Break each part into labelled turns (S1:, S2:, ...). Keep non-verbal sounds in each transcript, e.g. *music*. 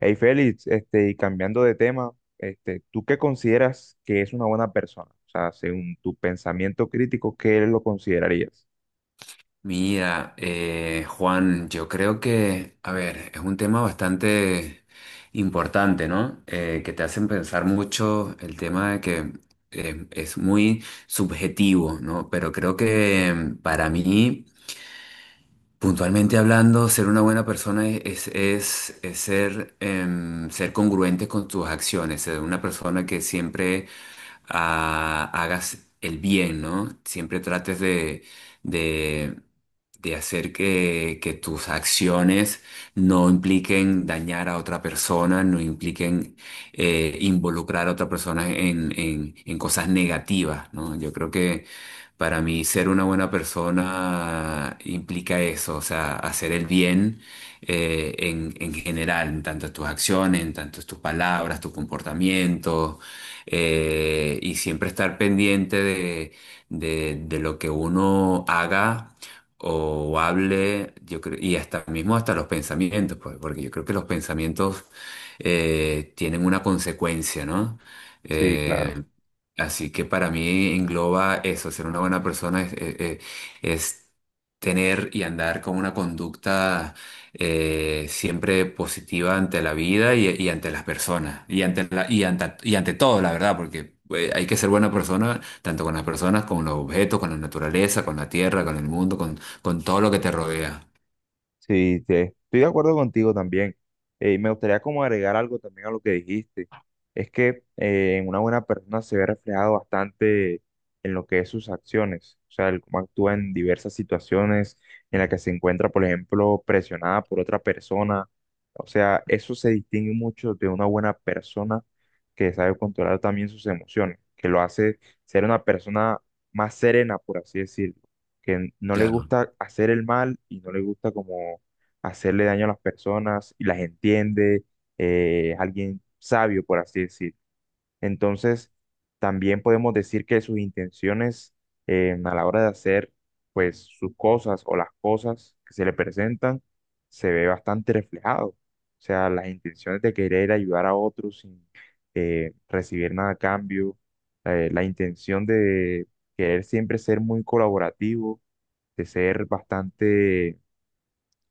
S1: Hey Félix, y cambiando de tema, ¿tú qué consideras que es una buena persona? O sea, según tu pensamiento crítico, ¿qué lo considerarías?
S2: Mira, Juan, yo creo que, a ver, es un tema bastante importante, ¿no? Que te hacen pensar mucho el tema de que es muy subjetivo, ¿no? Pero creo que para mí... Puntualmente hablando, ser una buena persona es ser, ser congruente con tus acciones, ser una persona que siempre hagas el bien, ¿no? Siempre trates de, de hacer que tus acciones no impliquen dañar a otra persona, no impliquen involucrar a otra persona en cosas negativas, ¿no? Yo creo que para mí ser una buena persona implica eso, o sea, hacer el bien en general, en tanto en tus acciones, en tanto en tus palabras, tu comportamiento, y siempre estar pendiente de, de lo que uno haga o hable, yo creo, y hasta mismo hasta los pensamientos, pues, porque yo creo que los pensamientos tienen una consecuencia, ¿no?
S1: Sí, claro.
S2: Eh, Así que para mí engloba eso, ser una buena persona es tener y andar con una conducta siempre positiva ante la vida y ante las personas y ante y ante, y ante todo, la verdad, porque hay que ser buena persona tanto con las personas, con los objetos, con la naturaleza, con la tierra, con el mundo, con todo lo que te rodea.
S1: Sí, estoy de acuerdo contigo también. Y me gustaría como agregar algo también a lo que dijiste. Es que en una buena persona se ve reflejado bastante en lo que es sus acciones, o sea, el cómo actúa en diversas situaciones en las que se encuentra, por ejemplo, presionada por otra persona. O sea, eso se distingue mucho de una buena persona que sabe controlar también sus emociones, que lo hace ser una persona más serena, por así decirlo, que no le
S2: Claro,
S1: gusta hacer el mal y no le gusta como hacerle daño a las personas y las entiende. Es alguien sabio, por así decir. Entonces, también podemos decir que sus intenciones, a la hora de hacer pues sus cosas o las cosas que se le presentan, se ve bastante reflejado. O sea, las intenciones de querer ayudar a otros sin, recibir nada a cambio, la intención de querer siempre ser muy colaborativo, de ser bastante,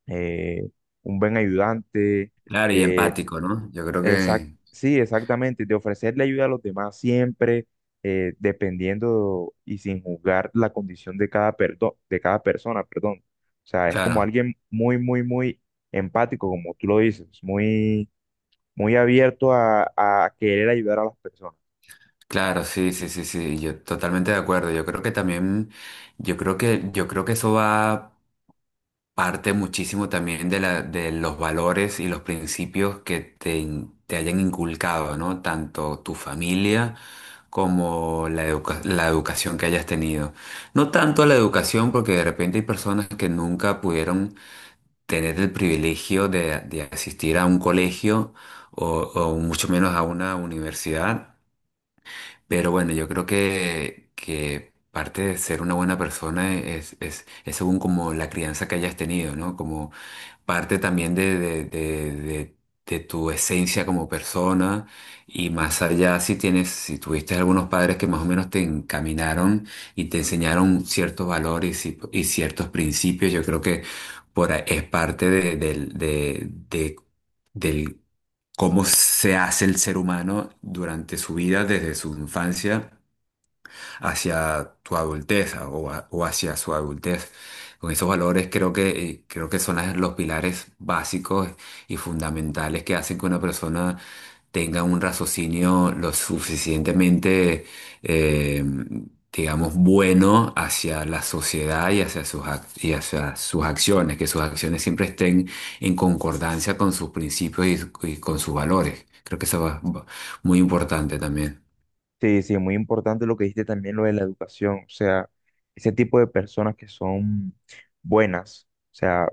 S1: eh, un buen ayudante,
S2: claro, y
S1: de
S2: empático, ¿no? Yo creo que,
S1: sí, exactamente, de ofrecerle ayuda a los demás siempre, dependiendo y sin juzgar la condición de cada, de cada persona, perdón. O sea, es como
S2: claro.
S1: alguien muy, muy, muy empático, como tú lo dices, muy, muy abierto a querer ayudar a las personas.
S2: Claro, sí, sí, sí, sí, yo totalmente de acuerdo. Yo creo que también, yo creo que eso va parte muchísimo también de la, de los valores y los principios que te, te hayan inculcado, ¿no? Tanto tu familia como la educación que hayas tenido. No tanto la educación, porque de repente hay personas que nunca pudieron tener el privilegio de asistir a un colegio o, o mucho menos a una universidad. Pero bueno, yo creo que parte de ser una buena persona es según como la crianza que hayas tenido, ¿no? Como parte también de tu esencia como persona y más allá si tienes, si tuviste algunos padres que más o menos te encaminaron y te enseñaron ciertos valores y, si, y ciertos principios, yo creo que por, ahí es parte de- del- cómo se hace el ser humano durante su vida, desde su infancia hacia tu adultez o, o hacia su adultez. Con esos valores creo que son los pilares básicos y fundamentales que hacen que una persona tenga un raciocinio lo suficientemente, eh, digamos, bueno hacia la sociedad y hacia sus, y hacia sus acciones, que sus acciones siempre estén en concordancia con sus principios y con sus valores. Creo que eso es muy importante también.
S1: Sí, sí, muy importante lo que dijiste también, lo de la educación, o sea, ese tipo de personas que son buenas, o sea,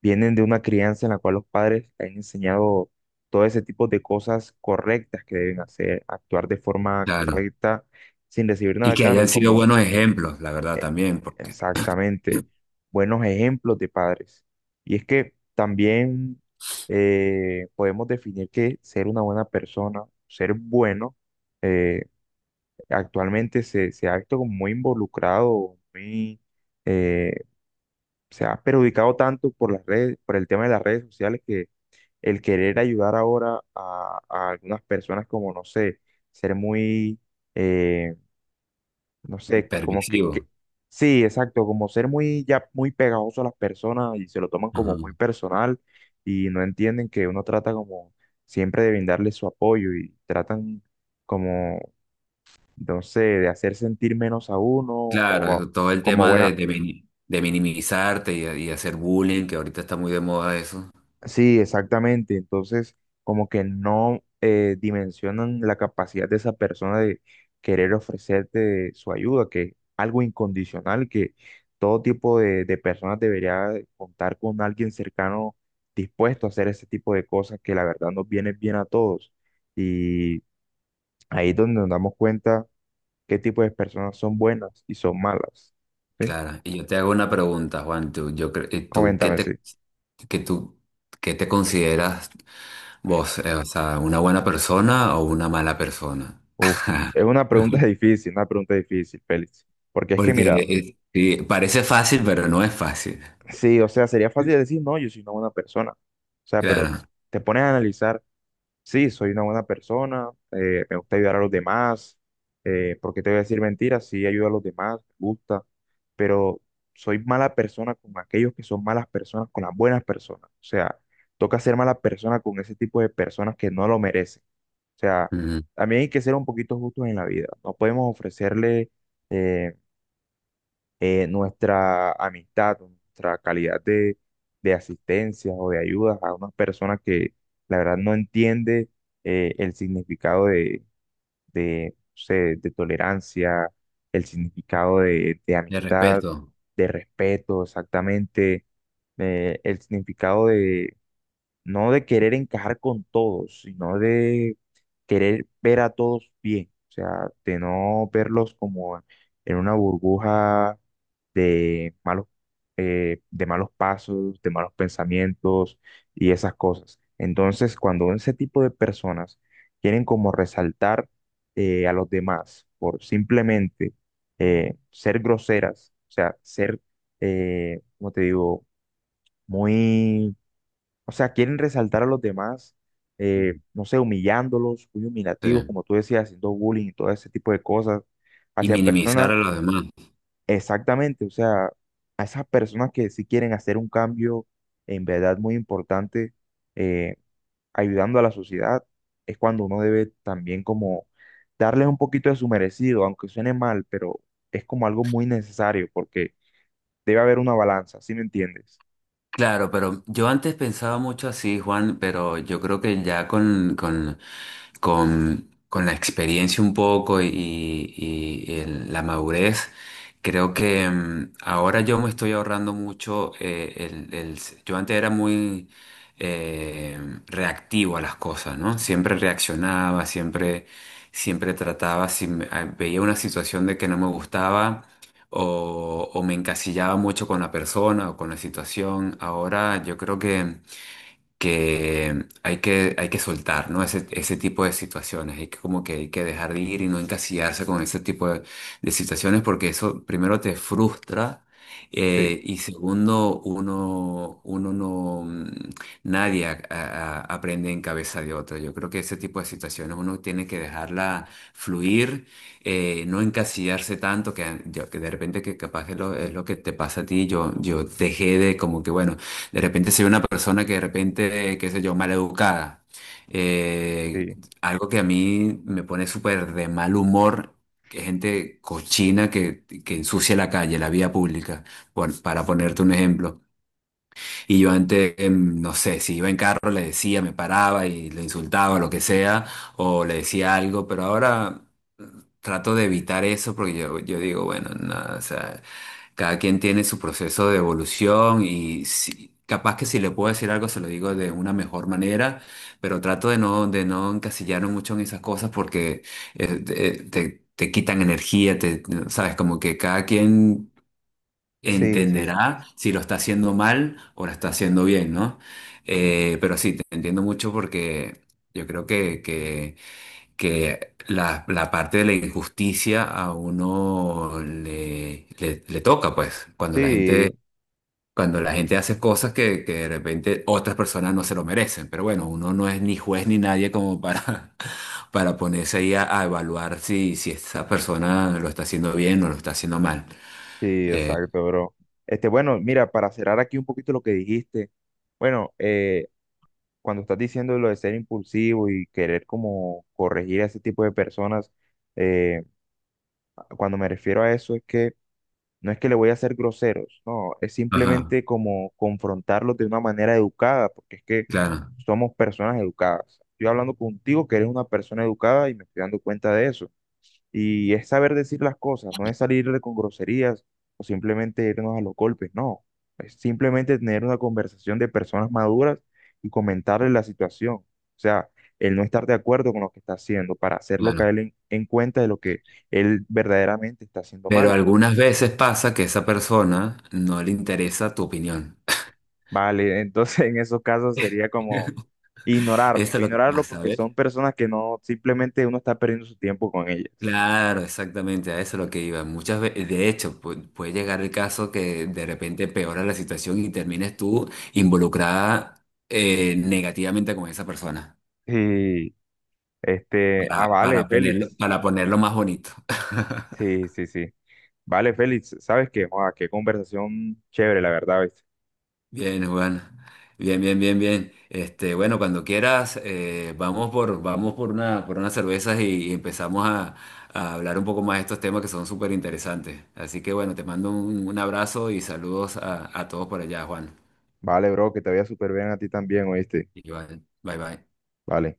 S1: vienen de una crianza en la cual los padres les han enseñado todo ese tipo de cosas correctas que deben hacer, actuar de forma
S2: Claro.
S1: correcta sin recibir nada
S2: Y
S1: a
S2: que
S1: cambio,
S2: hayan sido
S1: como,
S2: buenos ejemplos, la verdad,
S1: eh,
S2: también, porque
S1: exactamente, buenos ejemplos de padres. Y es que también, podemos definir que ser una buena persona, ser bueno, eh, actualmente se ha visto como muy involucrado, muy... eh, se ha perjudicado tanto por las redes, por el tema de las redes sociales, que el querer ayudar ahora a algunas personas como, no sé, ser muy, eh, no sé, como que.
S2: permisivos.
S1: Sí, exacto, como ser muy, ya muy pegajoso a las personas, y se lo toman
S2: Ajá.
S1: como muy personal y no entienden que uno trata como siempre de brindarles su apoyo, y tratan como, no sé, de hacer sentir menos a uno
S2: Claro,
S1: o
S2: eso- todo el
S1: como
S2: tema
S1: buena.
S2: de, de minimizarte y hacer bullying, que ahorita está muy de moda eso.
S1: Sí, exactamente. Entonces, como que no dimensionan la capacidad de esa persona de querer ofrecerte su ayuda, que es algo incondicional, que todo tipo de personas debería contar con alguien cercano dispuesto a hacer ese tipo de cosas que la verdad nos viene bien a todos. Y ahí es donde nos damos cuenta qué tipo de personas son buenas y son malas. ¿Sí?
S2: Claro, y yo te hago una pregunta, Juan, tú, yo, tú, ¿qué
S1: Coméntame, sí.
S2: te, que tú, qué te consideras vos? O sea, ¿una buena persona o una mala persona?
S1: Uf, es
S2: *laughs*
S1: una pregunta *laughs* difícil, una pregunta difícil, Félix. Porque es que,
S2: Porque
S1: mira,
S2: sí, parece fácil, pero no es fácil.
S1: sí, o sea, sería fácil decir, no, yo soy una buena persona. O sea, pero
S2: Claro.
S1: te pones a analizar, sí, soy una buena persona, me gusta ayudar a los demás, ¿por qué te voy a decir mentiras? Sí, ayudo a los demás, me gusta, pero soy mala persona con aquellos que son malas personas, con las buenas personas. O sea, toca ser mala persona con ese tipo de personas que no lo merecen. O sea,
S2: Ujú.
S1: también hay que ser un poquito justos en la vida. No podemos ofrecerle... eh, nuestra amistad, o nuestra calidad de asistencia o de ayuda a unas personas que la verdad no entiende el significado de, no sé, de tolerancia, el significado de
S2: De
S1: amistad,
S2: respeto.
S1: de respeto, exactamente, el significado no de querer encajar con todos, sino de querer ver a todos bien, o sea, de no verlos como en una burbuja de malos, de malos pasos, de malos pensamientos y esas cosas. Entonces, cuando ese tipo de personas quieren como resaltar a los demás por simplemente ser groseras, o sea, ser, como te digo, muy, o sea, quieren resaltar a los demás,
S2: Ujú.
S1: no sé, humillándolos, muy
S2: Sí.
S1: humillativos, como tú decías, haciendo bullying y todo ese tipo de cosas
S2: Y
S1: hacia
S2: minimizar
S1: personas,
S2: a los demás.
S1: exactamente, o sea, a esas personas que sí quieren hacer un cambio en verdad muy importante, eh, ayudando a la sociedad, es cuando uno debe también como darles un poquito de su merecido, aunque suene mal, pero es como algo muy necesario porque debe haber una balanza, ¿sí me entiendes?
S2: Claro, pero yo antes pensaba mucho así, Juan, pero yo creo que ya con la experiencia un poco y, y la madurez, creo que ahora yo me estoy ahorrando mucho. Yo antes era muy eh, reactivo a las cosas, ¿no? Siempre reaccionaba, siempre, siempre trataba, si veía una situación de que no me gustaba o me encasillaba mucho con la persona o con la situación. Ahora yo creo que hay que, hay que soltar, ¿no? Ese tipo de situaciones, hay que como que hay que dejar de ir y no encasillarse con ese tipo de situaciones porque eso primero te frustra
S1: Sí,
S2: y segundo, uno no, nadie aprende en cabeza de otro. Yo creo que ese tipo de situaciones uno tiene que dejarla fluir, no encasillarse tanto que, que de repente que capaz es lo que te pasa a ti, yo dejé de como que, bueno, de repente soy una persona que de repente, qué sé yo, maleducada. Eh,
S1: sí,
S2: algo que a mí me pone súper de mal humor, que gente cochina que ensucia la calle, la vía pública, para ponerte un ejemplo. Y yo antes, no sé, si iba en carro le decía, me paraba y le insultaba, lo que sea, o le decía algo, pero ahora mm, trato de evitar eso porque yo digo, bueno, nada, cada quien tiene su proceso de evolución y capaz que si le puedo decir algo se lo digo de una mejor manera, pero trato de no encasillarme mucho en esas cosas porque te quitan energía, te, sabes, como que cada quien
S1: sí, sí.
S2: entenderá si lo está haciendo mal o lo está haciendo bien, ¿no? Pero sí, te entiendo mucho porque yo creo que la parte de la injusticia a uno le, le toca, pues,
S1: Sí,
S2: cuando la gente hace cosas que de repente otras personas no se lo merecen. Pero bueno, uno no es ni juez ni nadie como para, *laughs* para ponerse ahí a evaluar si, si esa persona lo está haciendo bien o lo está haciendo mal.
S1: sí,
S2: Eh,
S1: exacto, bro. Este, bueno, mira, para cerrar aquí un poquito lo que dijiste, bueno, cuando estás diciendo lo de ser impulsivo y querer como corregir a ese tipo de personas, eh, cuando me refiero a eso es que no es que le voy a ser groseros, no, es
S2: ajá,
S1: simplemente como confrontarlos de una manera educada, porque es que
S2: claro,
S1: somos personas educadas. Estoy hablando contigo, que eres una persona educada, y me estoy dando cuenta de eso. Y es saber decir las cosas, no es salirle con groserías o simplemente irnos a los golpes, no. Es simplemente tener una conversación de personas maduras y comentarle la situación. O sea, el no estar de acuerdo con lo que está haciendo para hacerlo
S2: claro.
S1: caer en cuenta de lo que él verdaderamente está haciendo
S2: Pero
S1: mal.
S2: algunas veces pasa que a esa persona no le interesa tu opinión.
S1: Vale, entonces *laughs* en esos casos sería como
S2: *laughs*
S1: ignorarlo,
S2: Eso es lo que
S1: ignorarlo,
S2: pasa,
S1: porque son
S2: ¿ves?
S1: personas que no, simplemente uno está perdiendo su tiempo con ellas.
S2: Claro, exactamente, a eso es lo que iba. Muchas veces, de hecho, puede llegar el caso que de repente peora la situación y termines tú involucrada negativamente con esa persona,
S1: Y este, ah, vale, Félix.
S2: para ponerlo más bonito. *laughs*
S1: Sí, sí, sí. Vale, Félix, ¿sabes qué? Joa, qué conversación chévere, la verdad, ¿viste?
S2: Bien, Juan. Bien, bien, bien, bien. Este, bueno, cuando quieras, vamos por, vamos por una, por unas cervezas y empezamos a hablar un poco más de estos temas que son súper interesantes. Así que bueno, te mando un abrazo y saludos a todos por allá, Juan.
S1: Vale, bro, que te vaya súper bien a ti también, ¿oíste?
S2: Igual, bye bye.
S1: Vale.